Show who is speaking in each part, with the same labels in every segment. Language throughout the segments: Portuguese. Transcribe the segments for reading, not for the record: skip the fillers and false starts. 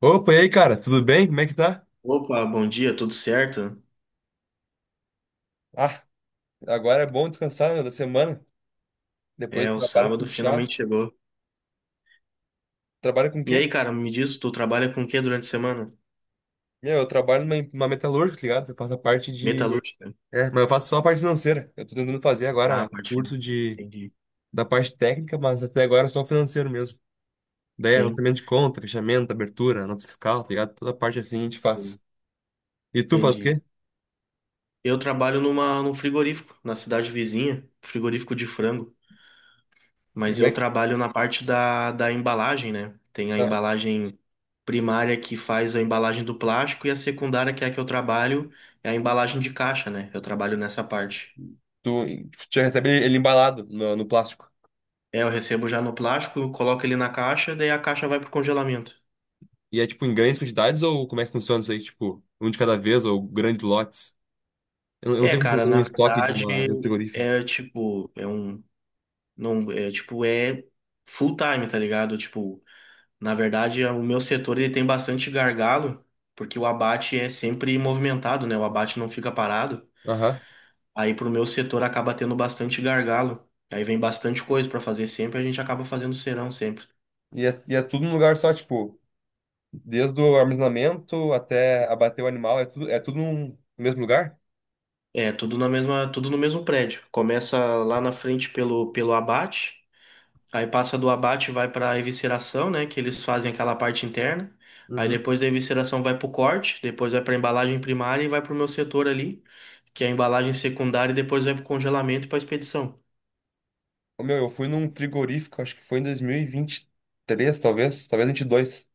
Speaker 1: Opa, e aí, cara? Tudo bem? Como é que tá?
Speaker 2: Opa, bom dia, tudo certo?
Speaker 1: Ah, agora é bom descansar, meu, da semana. Depois
Speaker 2: É,
Speaker 1: do
Speaker 2: o
Speaker 1: trabalho
Speaker 2: sábado
Speaker 1: puxado.
Speaker 2: finalmente chegou.
Speaker 1: Trabalha com o
Speaker 2: E
Speaker 1: quê?
Speaker 2: aí, cara, me diz, tu trabalha com o que durante a semana?
Speaker 1: Meu, eu trabalho numa metalúrgica, tá ligado? Eu faço a parte de...
Speaker 2: Metalúrgica?
Speaker 1: É, mas eu faço só a parte financeira. Eu tô tentando fazer
Speaker 2: Ah,
Speaker 1: agora
Speaker 2: parte
Speaker 1: curso
Speaker 2: financeira.
Speaker 1: de...
Speaker 2: Entendi.
Speaker 1: da parte técnica, mas até agora é só o financeiro mesmo. Daí,
Speaker 2: Sim,
Speaker 1: anotamento de conta, fechamento, abertura, nota fiscal, tá ligado? Toda parte assim a gente
Speaker 2: sim,
Speaker 1: faz. E tu faz o
Speaker 2: entendi.
Speaker 1: quê?
Speaker 2: Eu trabalho num frigorífico, na cidade vizinha, frigorífico de frango.
Speaker 1: E
Speaker 2: Mas
Speaker 1: como é
Speaker 2: eu
Speaker 1: que...
Speaker 2: trabalho na parte da embalagem, né? Tem a
Speaker 1: Ah,
Speaker 2: embalagem primária que faz a embalagem do plástico e a secundária, que é a que eu trabalho, é a embalagem de caixa, né? Eu trabalho nessa parte.
Speaker 1: tu já recebe ele embalado no plástico.
Speaker 2: É, eu recebo já no plástico, eu coloco ele na caixa, daí a caixa vai pro congelamento.
Speaker 1: E é, tipo, em grandes quantidades ou como é que funciona isso aí? Tipo, um de cada vez ou grandes lotes? Não, eu não
Speaker 2: É,
Speaker 1: sei como
Speaker 2: cara,
Speaker 1: funciona um
Speaker 2: na
Speaker 1: estoque de, uma,
Speaker 2: verdade
Speaker 1: de um frigorífico.
Speaker 2: é tipo, é um não é tipo é full time, tá ligado? Tipo, na verdade é, o meu setor ele tem bastante gargalo, porque o abate é sempre movimentado, né? O abate não fica parado.
Speaker 1: Aham.
Speaker 2: Aí pro meu setor acaba tendo bastante gargalo. Aí vem bastante coisa pra fazer sempre, a gente acaba fazendo serão sempre.
Speaker 1: É tudo num lugar só, tipo, desde o armazenamento até abater o animal, é tudo num mesmo lugar?
Speaker 2: É, tudo na mesma, tudo no mesmo prédio. Começa lá na frente pelo abate. Aí passa do abate, vai para a evisceração, né? Que eles fazem aquela parte interna. Aí
Speaker 1: Uhum.
Speaker 2: depois da evisceração vai para o corte, depois vai para a embalagem primária e vai para o meu setor ali, que é a embalagem secundária, e depois vai para o congelamento e para a expedição.
Speaker 1: Ô, meu, eu fui num frigorífico, acho que foi em dois mil e vinte e três talvez, talvez vinte e dois.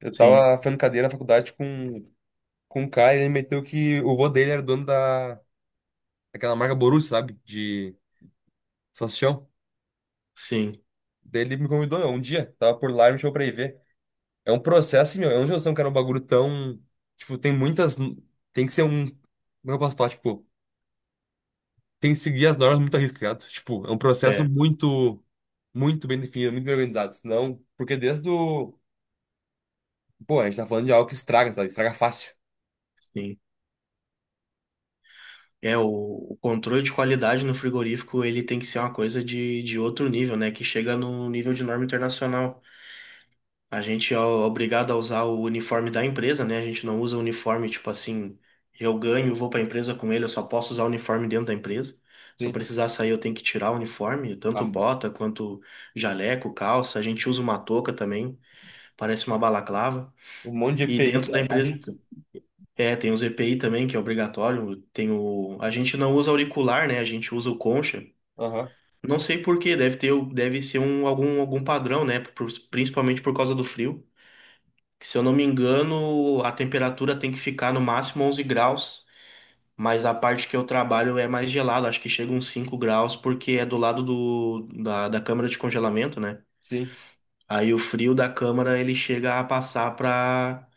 Speaker 1: Eu
Speaker 2: Sim,
Speaker 1: tava fazendo cadeira na faculdade com um cara e ele meteu que o vô dele era dono daquela marca Borussia, sabe? De salsichão.
Speaker 2: sim,
Speaker 1: Daí ele me convidou, meu, um dia, tava por lá e me chamou pra ir ver. É um processo, assim, meu, eu não tinha noção que era um bagulho tão. Tipo, tem muitas. Tem que ser um. Como eu posso falar? Tipo, tem que seguir as normas, muito arriscado. Tipo, é um processo
Speaker 2: é,
Speaker 1: muito. Muito bem definido, muito bem organizado. Senão. Porque desde o. Pô, a gente tá falando de algo que estraga, sabe? Estraga fácil.
Speaker 2: sim. É, o controle de qualidade no frigorífico, ele tem que ser uma coisa de outro nível, né? Que chega no nível de norma internacional. A gente é obrigado a usar o uniforme da empresa, né? A gente não usa o uniforme, tipo assim, eu ganho, vou pra empresa com ele, eu só posso usar o uniforme dentro da empresa. Se eu
Speaker 1: Sim.
Speaker 2: precisar sair, eu tenho que tirar o uniforme, tanto
Speaker 1: Ah,
Speaker 2: bota quanto jaleco, calça. A gente usa uma touca também, parece uma balaclava.
Speaker 1: um monte de E
Speaker 2: E
Speaker 1: p i
Speaker 2: dentro
Speaker 1: se
Speaker 2: da empresa,
Speaker 1: arrisca.
Speaker 2: é, tem os EPI também, que é obrigatório. Tem o... A gente não usa auricular, né? A gente usa o concha.
Speaker 1: Aham.
Speaker 2: Não sei por quê, deve ter, deve ser um, algum, algum padrão, né? Principalmente por causa do frio. Que, se eu não me engano, a temperatura tem que ficar no máximo 11 graus, mas a parte que eu trabalho é mais gelada, acho que chega uns 5 graus, porque é do lado da câmara de congelamento, né?
Speaker 1: Sim.
Speaker 2: Aí o frio da câmara ele chega a passar para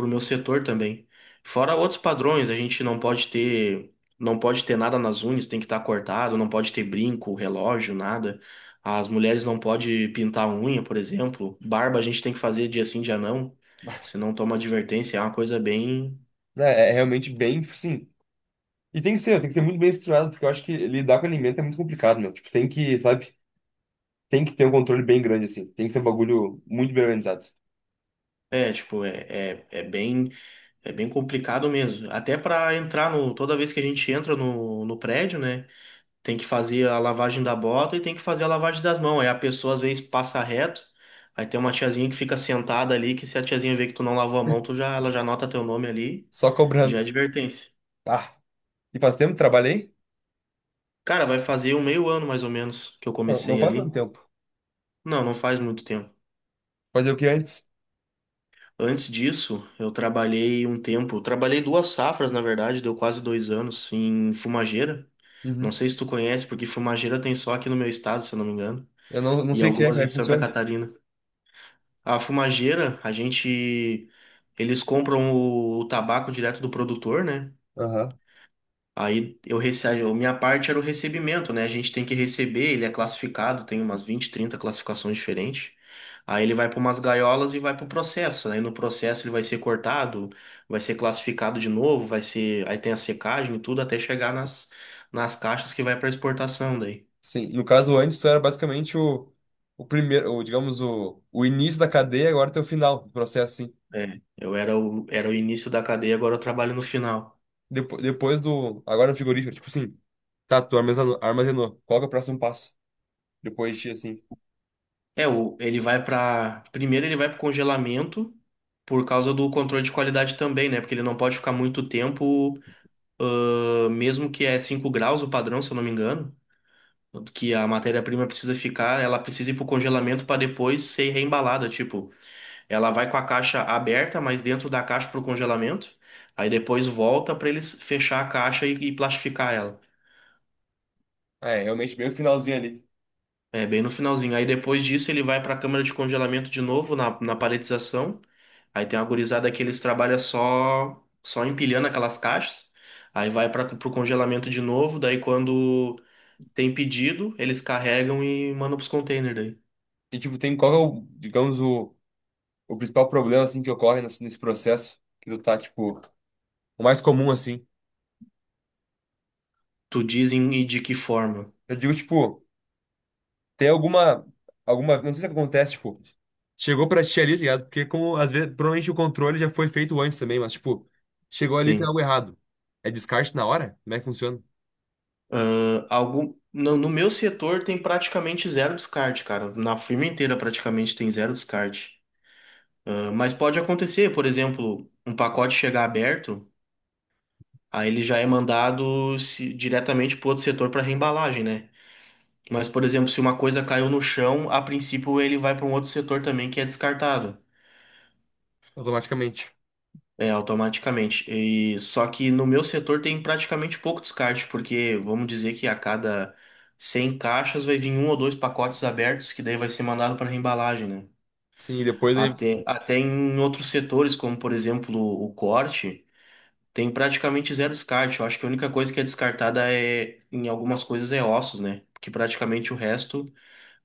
Speaker 2: o meu setor também. Fora outros padrões, a gente não pode ter nada nas unhas, tem que estar cortado, não pode ter brinco, relógio, nada. As mulheres não podem pintar a unha, por exemplo. Barba a gente tem que fazer dia sim, dia não. Se não toma advertência, é uma coisa bem...
Speaker 1: É realmente bem. Sim. E tem que ser muito bem estruturado, porque eu acho que lidar com alimento é muito complicado, meu. Tipo, tem que, sabe? Tem que ter um controle bem grande, assim. Tem que ser um bagulho muito bem organizado.
Speaker 2: É, tipo, é, é, é bem complicado mesmo. Até para entrar no toda vez que a gente entra no prédio, né? Tem que fazer a lavagem da bota e tem que fazer a lavagem das mãos. Aí a pessoa às vezes passa reto, aí tem uma tiazinha que fica sentada ali, que se a tiazinha vê que tu não lavou a mão, ela já anota teu nome ali
Speaker 1: Só
Speaker 2: e já
Speaker 1: cobrando.
Speaker 2: é advertência.
Speaker 1: Ah, e faz tempo que trabalhei?
Speaker 2: Cara, vai fazer um meio ano mais ou menos que eu
Speaker 1: Não, não
Speaker 2: comecei
Speaker 1: faz tanto
Speaker 2: ali.
Speaker 1: tempo.
Speaker 2: Não, não faz muito tempo.
Speaker 1: Fazer o que antes?
Speaker 2: Antes disso, eu trabalhei um tempo, trabalhei duas safras, na verdade, deu quase dois anos em Fumageira.
Speaker 1: Uhum.
Speaker 2: Não sei se tu conhece, porque Fumageira tem só aqui no meu estado, se eu não me engano,
Speaker 1: Eu não
Speaker 2: e
Speaker 1: sei o que é,
Speaker 2: algumas
Speaker 1: como é
Speaker 2: em
Speaker 1: que
Speaker 2: Santa
Speaker 1: funciona.
Speaker 2: Catarina. A fumageira, a gente. Eles compram o tabaco direto do produtor, né?
Speaker 1: Aham.
Speaker 2: Aí eu recebo. Minha parte era o recebimento, né? A gente tem que receber, ele é classificado, tem umas 20, 30 classificações diferentes. Aí ele vai para umas gaiolas e vai para o processo, né? Aí no processo ele vai ser cortado, vai ser classificado de novo, vai ser. Aí tem a secagem e tudo até chegar nas caixas que vai para exportação daí.
Speaker 1: Sim, no caso antes tu era basicamente o, primeiro, o, digamos, o início da cadeia, agora tem o final do processo, assim.
Speaker 2: É, eu era era o início da cadeia, agora eu trabalho no final.
Speaker 1: Depois do. Agora no frigorífico, tipo assim. Tá, tu armazenou. Armazenou. Qual que é o próximo passo? Depois de ti, assim.
Speaker 2: É, o, ele vai para. Primeiro, ele vai para congelamento por causa do controle de qualidade também, né? Porque ele não pode ficar muito tempo, mesmo que é 5 graus o padrão, se eu não me engano, que a matéria-prima precisa ficar, ela precisa ir para o congelamento para depois ser reembalada. Tipo, ela vai com a caixa aberta, mas dentro da caixa para o congelamento, aí depois volta para eles fechar a caixa e plastificar ela.
Speaker 1: Ah, é realmente bem o finalzinho ali.
Speaker 2: É, bem no finalzinho. Aí depois disso ele vai para a câmara de congelamento de novo, na paletização. Aí tem uma gurizada que eles trabalham só empilhando aquelas caixas. Aí vai para pro congelamento de novo, daí quando tem pedido, eles carregam e mandam pros containers daí.
Speaker 1: E tipo, tem qual que é o, digamos, o. O principal problema, assim, que ocorre nesse processo? Que tu tá, tipo, o mais comum, assim.
Speaker 2: Tu dizem e de que forma?
Speaker 1: Eu digo, tipo, tem alguma, não sei se acontece, tipo, chegou pra ti ali, tá ligado? Porque como, às vezes, provavelmente o controle já foi feito antes também, mas, tipo, chegou ali, tem
Speaker 2: Sim.
Speaker 1: algo errado. É descarte na hora? Como é que funciona?
Speaker 2: Ah, algum no meu setor tem praticamente zero descarte, cara. Na firma inteira praticamente tem zero descarte. Ah, mas pode acontecer, por exemplo, um pacote chegar aberto, aí ele já é mandado diretamente pro outro setor para reembalagem, né? Mas, por exemplo, se uma coisa caiu no chão, a princípio ele vai para um outro setor também que é descartado,
Speaker 1: Automaticamente.
Speaker 2: é, automaticamente. E só que no meu setor tem praticamente pouco descarte, porque vamos dizer que a cada 100 caixas vai vir um ou dois pacotes abertos, que daí vai ser mandado para reembalagem, né?
Speaker 1: Sim, e depois ele...
Speaker 2: Até em outros setores, como por exemplo o corte, tem praticamente zero descarte. Eu acho que a única coisa que é descartada é, em algumas coisas é ossos, né? Porque praticamente o resto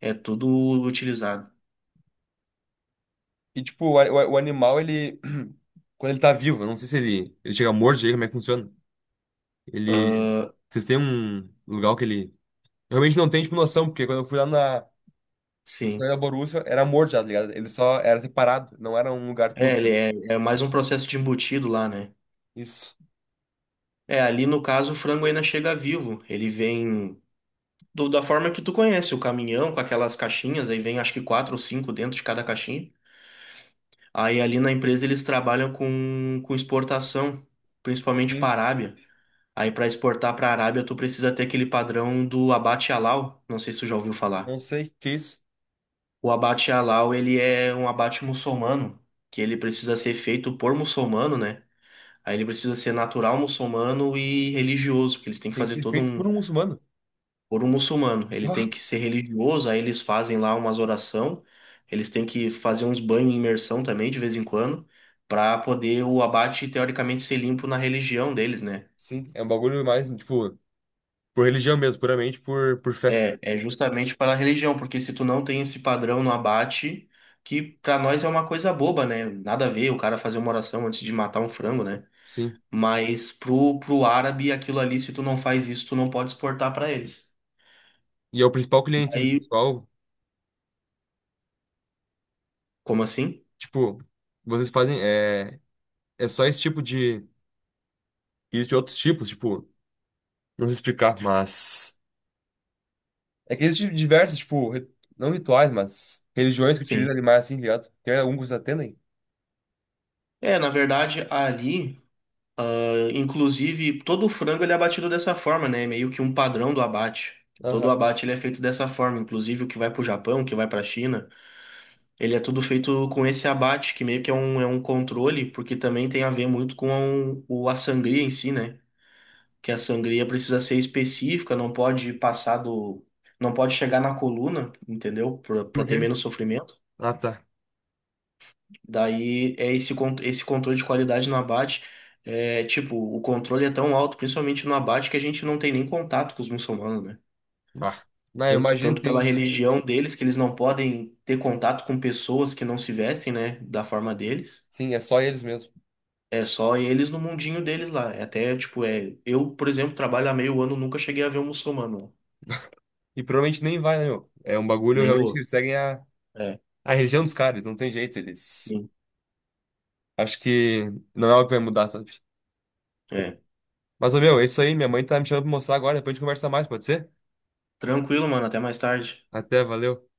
Speaker 2: é tudo utilizado.
Speaker 1: E, tipo, o animal, ele... Quando ele tá vivo, eu não sei se ele chega morto, chega, como é que funciona? Ele... Vocês têm um lugar que ele... Eu realmente não tenho, tipo, noção, porque quando eu fui lá na...
Speaker 2: Sim.
Speaker 1: Mas a Borussia era morto já, tá ligado? Ele só era separado, não era um lugar
Speaker 2: É,
Speaker 1: tudo.
Speaker 2: ele é, é mais um processo de embutido lá, né?
Speaker 1: Isso.
Speaker 2: É, ali no caso o frango ainda chega vivo. Ele vem da forma que tu conhece, o caminhão com aquelas caixinhas, aí vem acho que quatro ou cinco dentro de cada caixinha. Aí ali na empresa eles trabalham com exportação, principalmente
Speaker 1: Sim.
Speaker 2: para a Arábia. Aí para exportar para a Arábia tu precisa ter aquele padrão do abate halal, não sei se tu já ouviu falar.
Speaker 1: Não sei que é isso.
Speaker 2: O abate halal ele é um abate muçulmano, que ele precisa ser feito por muçulmano, né? Aí ele precisa ser natural muçulmano e religioso, porque eles têm que
Speaker 1: Tem que
Speaker 2: fazer
Speaker 1: ser
Speaker 2: todo
Speaker 1: feito por
Speaker 2: um
Speaker 1: um muçulmano.
Speaker 2: por um muçulmano. Ele
Speaker 1: Ah,
Speaker 2: tem que ser religioso, aí eles fazem lá umas oração, eles têm que fazer uns banhos em imersão também de vez em quando, para poder o abate teoricamente ser limpo na religião deles, né?
Speaker 1: sim. É um bagulho mais, tipo, por religião mesmo, puramente por fé.
Speaker 2: É, é justamente pela religião, porque se tu não tem esse padrão no abate, que para nós é uma coisa boba, né? Nada a ver o cara fazer uma oração antes de matar um frango, né?
Speaker 1: Sim.
Speaker 2: Mas pro árabe, aquilo ali, se tu não faz isso, tu não pode exportar para eles.
Speaker 1: E é o principal cliente, sim.
Speaker 2: Aí,
Speaker 1: Principal,
Speaker 2: como assim?
Speaker 1: tipo, vocês fazem. É só esse tipo de. Existem outros tipos, tipo, não sei explicar, mas. É que existem diversos, tipo, não rituais, mas religiões que utilizam
Speaker 2: Sim.
Speaker 1: animais assim, tá ligado? Tem algum que vocês atendem?
Speaker 2: É, na verdade, ali, inclusive, todo o frango ele é abatido dessa forma, né? É meio que um padrão do abate. Todo o
Speaker 1: Aham.
Speaker 2: abate ele é feito dessa forma, inclusive o que vai para o Japão, o que vai para a China, ele é tudo feito com esse abate, que meio que é um controle, porque também tem a ver muito com a sangria em si, né? Que a sangria precisa ser específica, não pode passar do, não pode chegar na coluna, entendeu? Para
Speaker 1: Por
Speaker 2: ter
Speaker 1: quê?
Speaker 2: menos sofrimento.
Speaker 1: Ah, tá.
Speaker 2: Daí é esse, esse controle de qualidade no abate. É, tipo, o controle é tão alto, principalmente no abate, que a gente não tem nem contato com os muçulmanos, né?
Speaker 1: Ah, não, eu imagino que
Speaker 2: Tanto pela
Speaker 1: tem.
Speaker 2: religião deles, que eles não podem ter contato com pessoas que não se vestem, né? Da forma deles.
Speaker 1: Sim, é só eles mesmo.
Speaker 2: É só eles no mundinho deles lá. É até, tipo, é. Eu, por exemplo, trabalho há meio ano, nunca cheguei a ver um muçulmano lá.
Speaker 1: E provavelmente nem vai, né, meu? É um bagulho
Speaker 2: Nem
Speaker 1: realmente que
Speaker 2: vou.
Speaker 1: eles seguem a,
Speaker 2: É,
Speaker 1: a religião dos caras, não tem jeito, eles.
Speaker 2: sim.
Speaker 1: Acho que não é algo que vai mudar, sabe?
Speaker 2: É.
Speaker 1: Mas, ô, meu, é isso aí. Minha mãe tá me chamando pra mostrar agora, depois a gente conversa mais, pode ser?
Speaker 2: Tranquilo, mano. Até mais tarde.
Speaker 1: Até, valeu.